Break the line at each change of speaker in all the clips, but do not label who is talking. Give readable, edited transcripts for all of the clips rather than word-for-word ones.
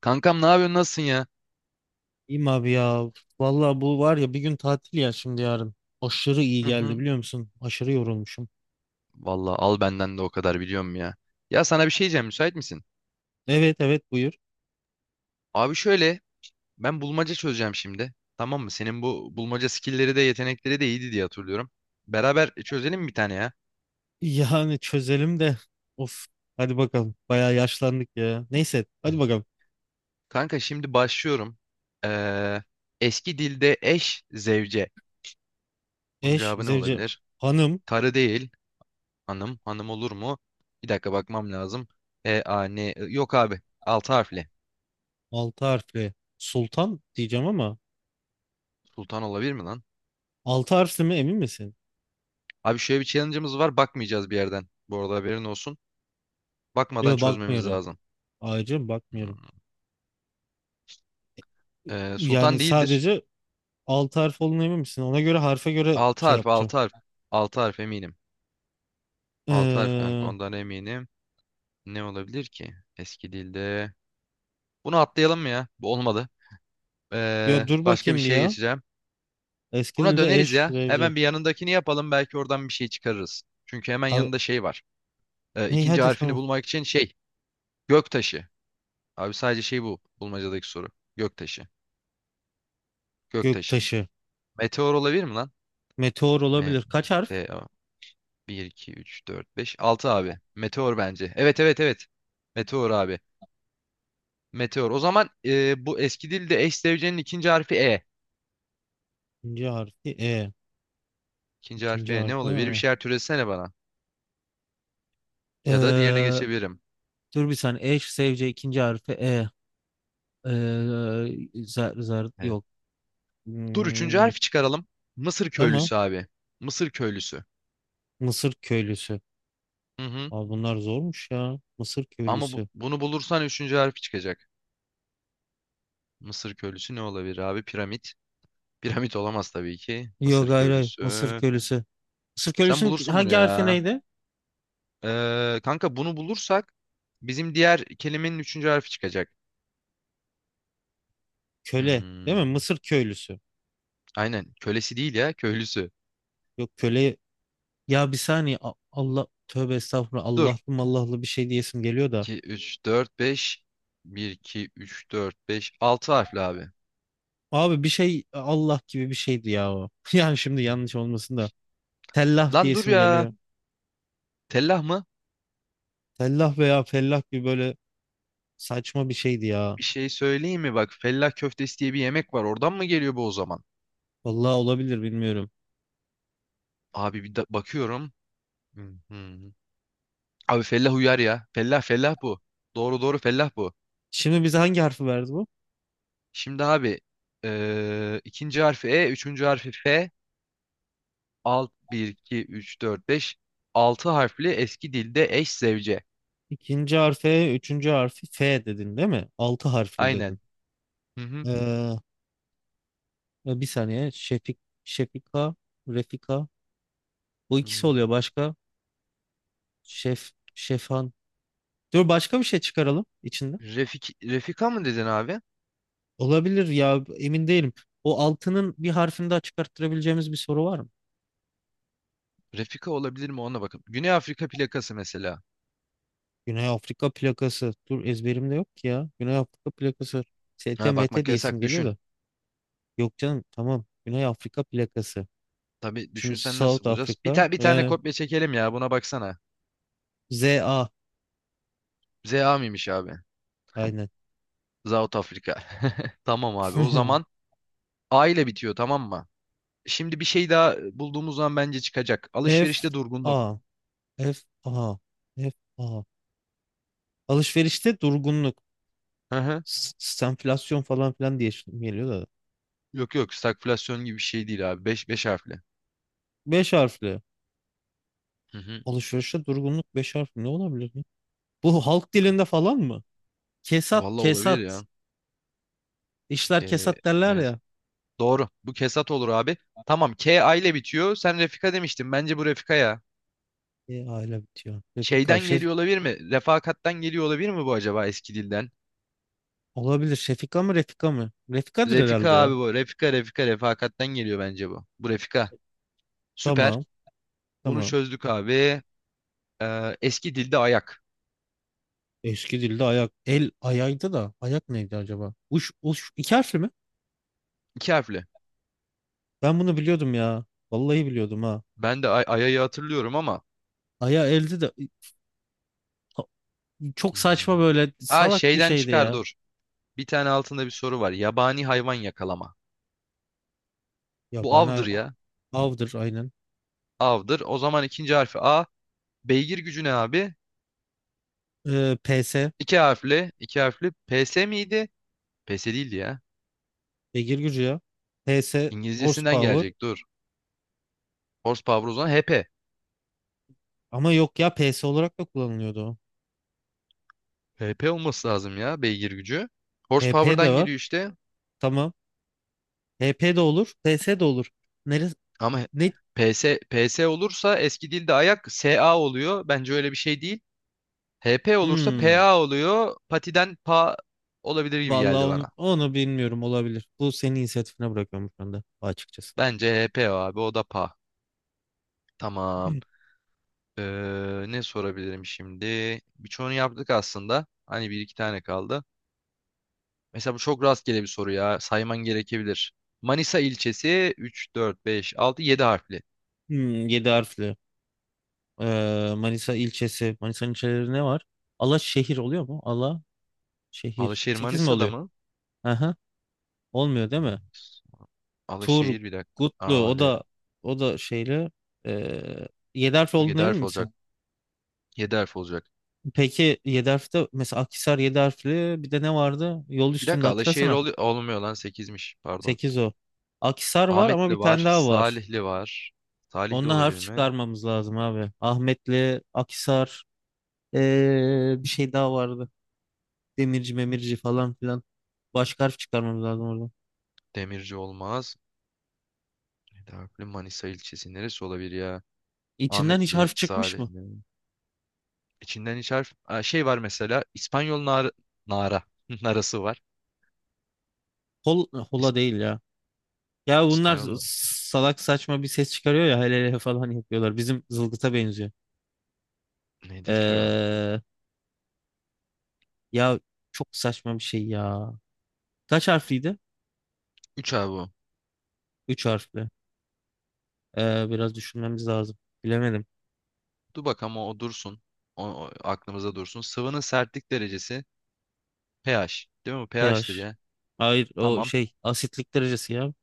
Kankam ne yapıyorsun, nasılsın ya?
İyiyim abi ya. Vallahi bu var ya bir gün tatil ya şimdi yarın. Aşırı iyi
Hı
geldi
hı.
biliyor musun? Aşırı yorulmuşum.
Vallahi al benden de o kadar, biliyorum ya. Ya sana bir şey diyeceğim, müsait misin?
Evet evet buyur.
Abi şöyle, ben bulmaca çözeceğim şimdi. Tamam mı? Senin bu bulmaca skillleri de yetenekleri de iyiydi diye hatırlıyorum. Beraber çözelim mi bir tane ya?
Yani çözelim de. Of hadi bakalım. Bayağı yaşlandık ya. Neyse hadi bakalım.
Kanka şimdi başlıyorum. Ee, eski dilde eş zevce. Bunun
Eş,
cevabı ne
zevce,
olabilir?
hanım.
Karı değil. Hanım. Hanım olur mu? Bir dakika bakmam lazım. E, a, ne? Yok abi. Altı harfli.
Altı harfli. Sultan diyeceğim ama.
Sultan olabilir mi lan?
Altı harfli mi emin misin?
Abi şöyle bir challenge'ımız var. Bakmayacağız bir yerden. Bu arada haberin olsun. Bakmadan
Yok
çözmemiz
bakmıyorum.
lazım.
Ayrıca bakmıyorum.
Hmm.
Yani
Sultan değildir.
sadece altı harf olduğuna emin misin? Ona göre harfe göre
Altı
şey
harf,
yapacağım.
altı harf. Altı harf eminim. Altı harf kanka,
Ee,
ondan eminim. Ne olabilir ki? Eski dilde. Bunu atlayalım mı ya? Bu olmadı.
ya dur
Başka bir
bakayım bir
şeye
ya.
geçeceğim.
Eski
Buna
dilde
döneriz
eş,
ya.
zevce.
Hemen bir yanındakini yapalım. Belki oradan bir şey çıkarırız. Çünkü hemen
Abi,
yanında şey var.
hey
İkinci
hadi
harfini
tamam.
bulmak için şey. Göktaşı. Abi sadece şey bu. Bulmacadaki soru. Göktaşı. Göktaşı.
Göktaşı.
Meteor olabilir mi lan?
Meteor olabilir. Kaç harf?
DA 1, 2, 3, 4, 5, 6 abi. Meteor bence. Evet, evet, evet. Meteor abi. Meteor. O zaman bu eski dilde eş zevcenin ikinci harfi E.
İkinci harfi E.
İkinci harfi
İkinci
E, ne
harfi
olabilir? Bir
E.
şeyler türesene bana. Ya da diğerine
Ee,
geçebilirim.
dur bir saniye. E sevce ikinci harfi E. Ee, zar, zar
Evet.
yok.
Dur, üçüncü
Hmm,
harfi çıkaralım. Mısır
tamam.
köylüsü abi. Mısır köylüsü.
Mısır köylüsü.
Hı hı.
Abi bunlar zormuş ya. Mısır
Ama
köylüsü.
bunu bulursan üçüncü harfi çıkacak. Mısır köylüsü ne olabilir abi? Piramit. Piramit olamaz tabii ki.
Yok
Mısır
hayır hayır.
köylüsü.
Mısır köylüsü. Mısır
Sen
köylüsünün
bulursun bunu
hangi harfi
ya.
neydi?
Kanka, bunu bulursak bizim diğer kelimenin üçüncü harfi çıkacak.
Köle. Değil mi?
Hmm,
Mısır köylüsü.
aynen. Kölesi değil ya. Köylüsü.
Yok köle. Ya bir saniye. Allah. Tövbe estağfurullah.
Dur.
Allah'lı mallahlı bir şey diyesim geliyor da.
2, üç dört beş bir iki üç dört beş altı harfli abi.
Abi bir şey Allah gibi bir şeydi ya o. Yani şimdi
Hmm.
yanlış olmasın da. Tellah diye
Lan dur
isim
ya.
geliyor.
Tellah mı?
Tellah veya fellah gibi böyle saçma bir şeydi ya.
Bir şey söyleyeyim mi? Bak, fellah köftesi diye bir yemek var. Oradan mı geliyor bu o zaman?
Vallahi olabilir bilmiyorum.
Abi bir bakıyorum. Hmm, hmm. Abi fellah uyar ya. Fellah, fellah bu. Doğru, doğru, fellah bu.
Şimdi bize hangi harfi verdi bu?
Şimdi abi, ikinci harfi E, üçüncü harfi F. Bir 2 3 4 5 6 harfli, eski dilde eş zevce.
İkinci harfe, üçüncü harfi F dedin değil mi? Altı harfli
Aynen.
dedin.
Hı hı.
Ee, bir saniye. Şefik, Şefika, Refika. Bu ikisi oluyor
Hmm.
başka. Şef, Şefan. Dur başka bir şey çıkaralım içinde.
Refik, Refika mı dedin abi?
Olabilir ya emin değilim. O altının bir harfini daha çıkarttırabileceğimiz bir soru var mı?
Refika olabilir mi, ona bakın. Güney Afrika plakası mesela.
Güney Afrika plakası. Dur ezberimde yok ki ya. Güney Afrika plakası.
Ha,
STMT
bakmak
diye isim
yasak
geliyor
düşün.
da. Yok canım tamam. Güney Afrika plakası.
Tabii,
Şimdi
düşünsen
South
nasıl bulacağız? Bir
Africa.
tane, bir tane
Yani
kopya çekelim ya, buna baksana.
ZA.
ZA mıymış abi?
Aynen.
South Afrika. Tamam abi, o zaman A ile bitiyor, tamam mı? Şimdi bir şey daha bulduğumuz zaman bence çıkacak.
F
Alışverişte durgunluk.
A. F A. F A. Alışverişte durgunluk.
Hı hı.
Stenflasyon falan filan diye isim geliyor da.
Yok, yok, stagflasyon gibi bir şey değil abi. Beş, 5 harfli.
Beş harfli.
Hı hı.
Alışverişte durgunluk beş harfli ne olabilir? Bu halk dilinde falan mı? Kesat,
Valla olabilir
kesat.
ya.
İşler
K.
kesat derler
Evet.
ya.
Doğru. Bu Kesat olur abi. Tamam. K A ile bitiyor. Sen Refika demiştin. Bence bu Refika ya.
E, aile bitiyor. Refika,
Şeyden
şef
geliyor olabilir mi? Refakattan geliyor olabilir mi bu, acaba eski dilden?
olabilir. Şefika mı, Refika mı? Refika'dır
Refika
herhalde ya.
abi bu. Refika, Refika, refakattan geliyor bence bu. Bu Refika. Süper.
Tamam,
Bunu
tamam.
çözdük abi. Eski dilde ayak.
Eski dilde ayak, el ayaydı da ayak neydi acaba? Uş, uş iki harfli mi?
İki harfli.
Ben bunu biliyordum ya. Vallahi biliyordum ha.
Ben de ay, ayayı hatırlıyorum ama.
Aya eldi de çok saçma
Hmm.
böyle
Aa,
salak bir
şeyden
şeydi
çıkar
ya.
dur. Bir tane altında bir soru var. Yabani hayvan yakalama.
Ya
Bu avdır
bana
ya.
avdır aynen.
Av'dır. O zaman ikinci harfi A. Beygir gücü ne abi?
PS,
İki harfli, iki harfli. PS miydi? PS değildi ya.
beygir gücü ya. PS,
İngilizcesinden
horsepower.
gelecek dur. Horsepower, o zaman HP.
Ama yok ya PS olarak da kullanılıyordu o.
HP olması lazım ya beygir gücü.
HP
Horsepower'dan
de var.
geliyor işte.
Tamam. HP de olur. PS de olur. Neresi?
Ama
Ne?
PS, PS olursa eski dilde ayak SA oluyor. Bence öyle bir şey değil. HP olursa
Hmm.
PA oluyor. Patiden pa olabilir gibi
Vallahi
geldi
onu,
bana.
onu bilmiyorum olabilir. Bu senin inisiyatifine bırakıyorum şu anda açıkçası.
Bence HP o abi, o da pa. Tamam. Ne sorabilirim şimdi? Birçoğunu yaptık aslında. Hani bir iki tane kaldı. Mesela bu çok rastgele bir soru ya. Sayman gerekebilir. Manisa ilçesi, 3, 4, 5, 6, 7 harfli.
7 harfli. Manisa ilçesi. Manisa'nın ilçeleri ne var? Alaşehir oluyor mu? Ala şehir.
Alaşehir
Sekiz mi
Manisa'da
oluyor?
mı?
Aha. Olmuyor değil mi?
Manisa. Alaşehir, bir dakika.
Turgutlu o
Ale.
da o da şeyle ee, 7 harfli olduğunu
7
emin
harf olacak.
misin?
7 harf olacak.
Peki 7 harfte mesela Akhisar 7 harfli bir de ne vardı? Yol
Bir
üstünde
dakika, Alaşehir
hatırlasana.
olmuyor, lan 8'miş pardon.
Sekiz o. Akhisar var ama bir
Ahmetli
tane
var.
daha var.
Salihli var. Salihli
Onunla harf
olabilir mi?
çıkarmamız lazım abi. Ahmetli, Akhisar, bir şey daha vardı. Demirci, Memirci falan filan. Başka harf çıkarmamız lazım oradan.
Demirci olmaz. 7 harfli Manisa ilçesi neresi olabilir ya?
İçinden hiç
Ahmetli,
harf çıkmış mı?
Salihli. İçinden hiç harf... Aa, şey var mesela, İspanyol nara narası var.
Hol,
İs-
hola değil ya. Ya bunlar
İspanyol narası.
salak saçma bir ses çıkarıyor ya hele hele falan yapıyorlar. Bizim zılgıta benziyor.
Nedir ki o?
Ee, ya çok saçma bir şey ya. Kaç harfliydi?
Üç abi o.
Üç harfli. Biraz düşünmemiz lazım. Bilemedim.
Dur bak, ama o dursun. O aklımıza dursun. Sıvının sertlik derecesi pH. Değil mi bu? pH'tir
pH.
ya.
Hayır o
Tamam.
şey asitlik derecesi ya.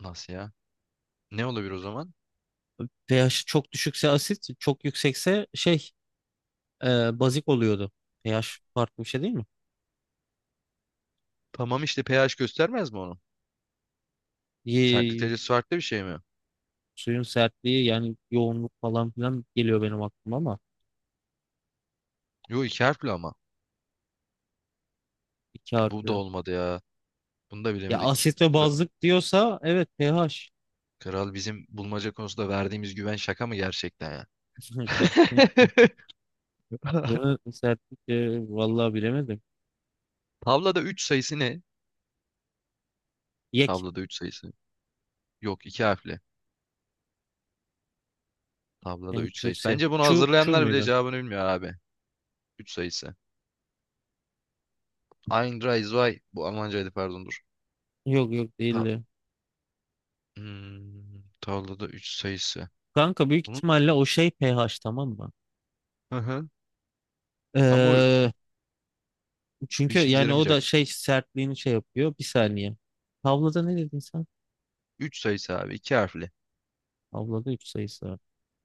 Nasıl ya? Ne olabilir o zaman?
pH çok düşükse asit, çok yüksekse şey bazik oluyordu. pH farklı bir şey değil mi?
Tamam işte, pH göstermez mi onu? Sertlik
Ye-
derecesi farklı bir şey mi?
suyun sertliği yani yoğunluk falan filan geliyor benim aklıma ama
Yo, iki harfli ama.
iki
Bu da
harfli.
olmadı ya. Bunu da
Ya
bilemedik.
asit ve bazlık diyorsa evet pH.
Kral, bizim bulmaca konusunda verdiğimiz güven şaka mı gerçekten ya?
Bunu sertlik vallahi bilemedim.
Tavlada 3 sayısı ne?
Yek.
Tavlada 3 sayısı. Yok, 2 harfli. Tavlada
Yani
3
çu
sayısı.
se.
Bence bunu
Çu
hazırlayanlar bile
muydu?
cevabını bilmiyor abi. 3 sayısı. Ein, drei, zwei. Bu Almancaydı, pardon dur.
Yok yok
Ta
değildi.
hmm, tavlada 3 sayısı.
Kanka büyük
Bunu...
ihtimalle o şey pH tamam mı?
Hı hı. Ama o
Ee, çünkü
işimize
yani o
yaramayacak.
da şey sertliğini şey yapıyor. Bir saniye. Tavlada ne dedin sen?
3 sayısı abi, iki harfli.
Tavlada 3 sayısı var.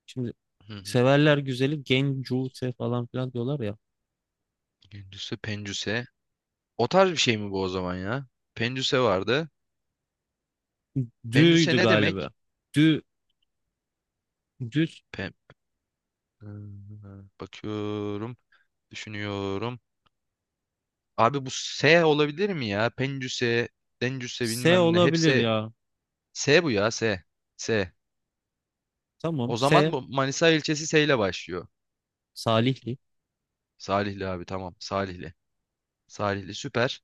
Şimdi
Hı hı.
severler güzeli gencuse falan filan diyorlar ya.
Gündüzse pencüse. O tarz bir şey mi bu o zaman ya? Pencüse vardı. Pencüse
Dü'ydü
ne
galiba.
demek?
Dü, düz
Pen... Ee, bakıyorum. Düşünüyorum. Abi bu S olabilir mi ya? Pencüse, Dencüse,
S
bilmem ne.
olabilir
Hepsi
ya.
S, bu ya, S. S.
Tamam
O zaman
S
bu Manisa ilçesi S ile başlıyor.
Salihli.
Salihli abi, tamam. Salihli. Salihli, süper.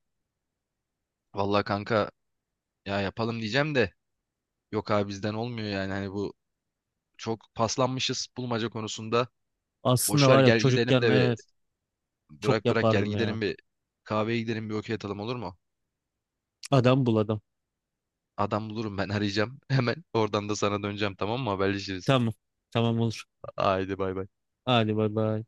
Vallahi kanka, ya yapalım diyeceğim de yok abi, bizden olmuyor yani. Hani bu, çok paslanmışız bulmaca konusunda.
Aslında
Boş ver
var ya
gel gidelim
çocukken
de, ve
evet çok
bırak gel
yapardım ya.
gidelim, bir kahveye gidelim, bir okey atalım olur mu?
Adam buladım.
Adam bulurum, ben arayacağım hemen. Oradan da sana döneceğim tamam mı? Haberleşiriz.
Tamam. Tamam olur.
Haydi bay bay.
Hadi bay bay.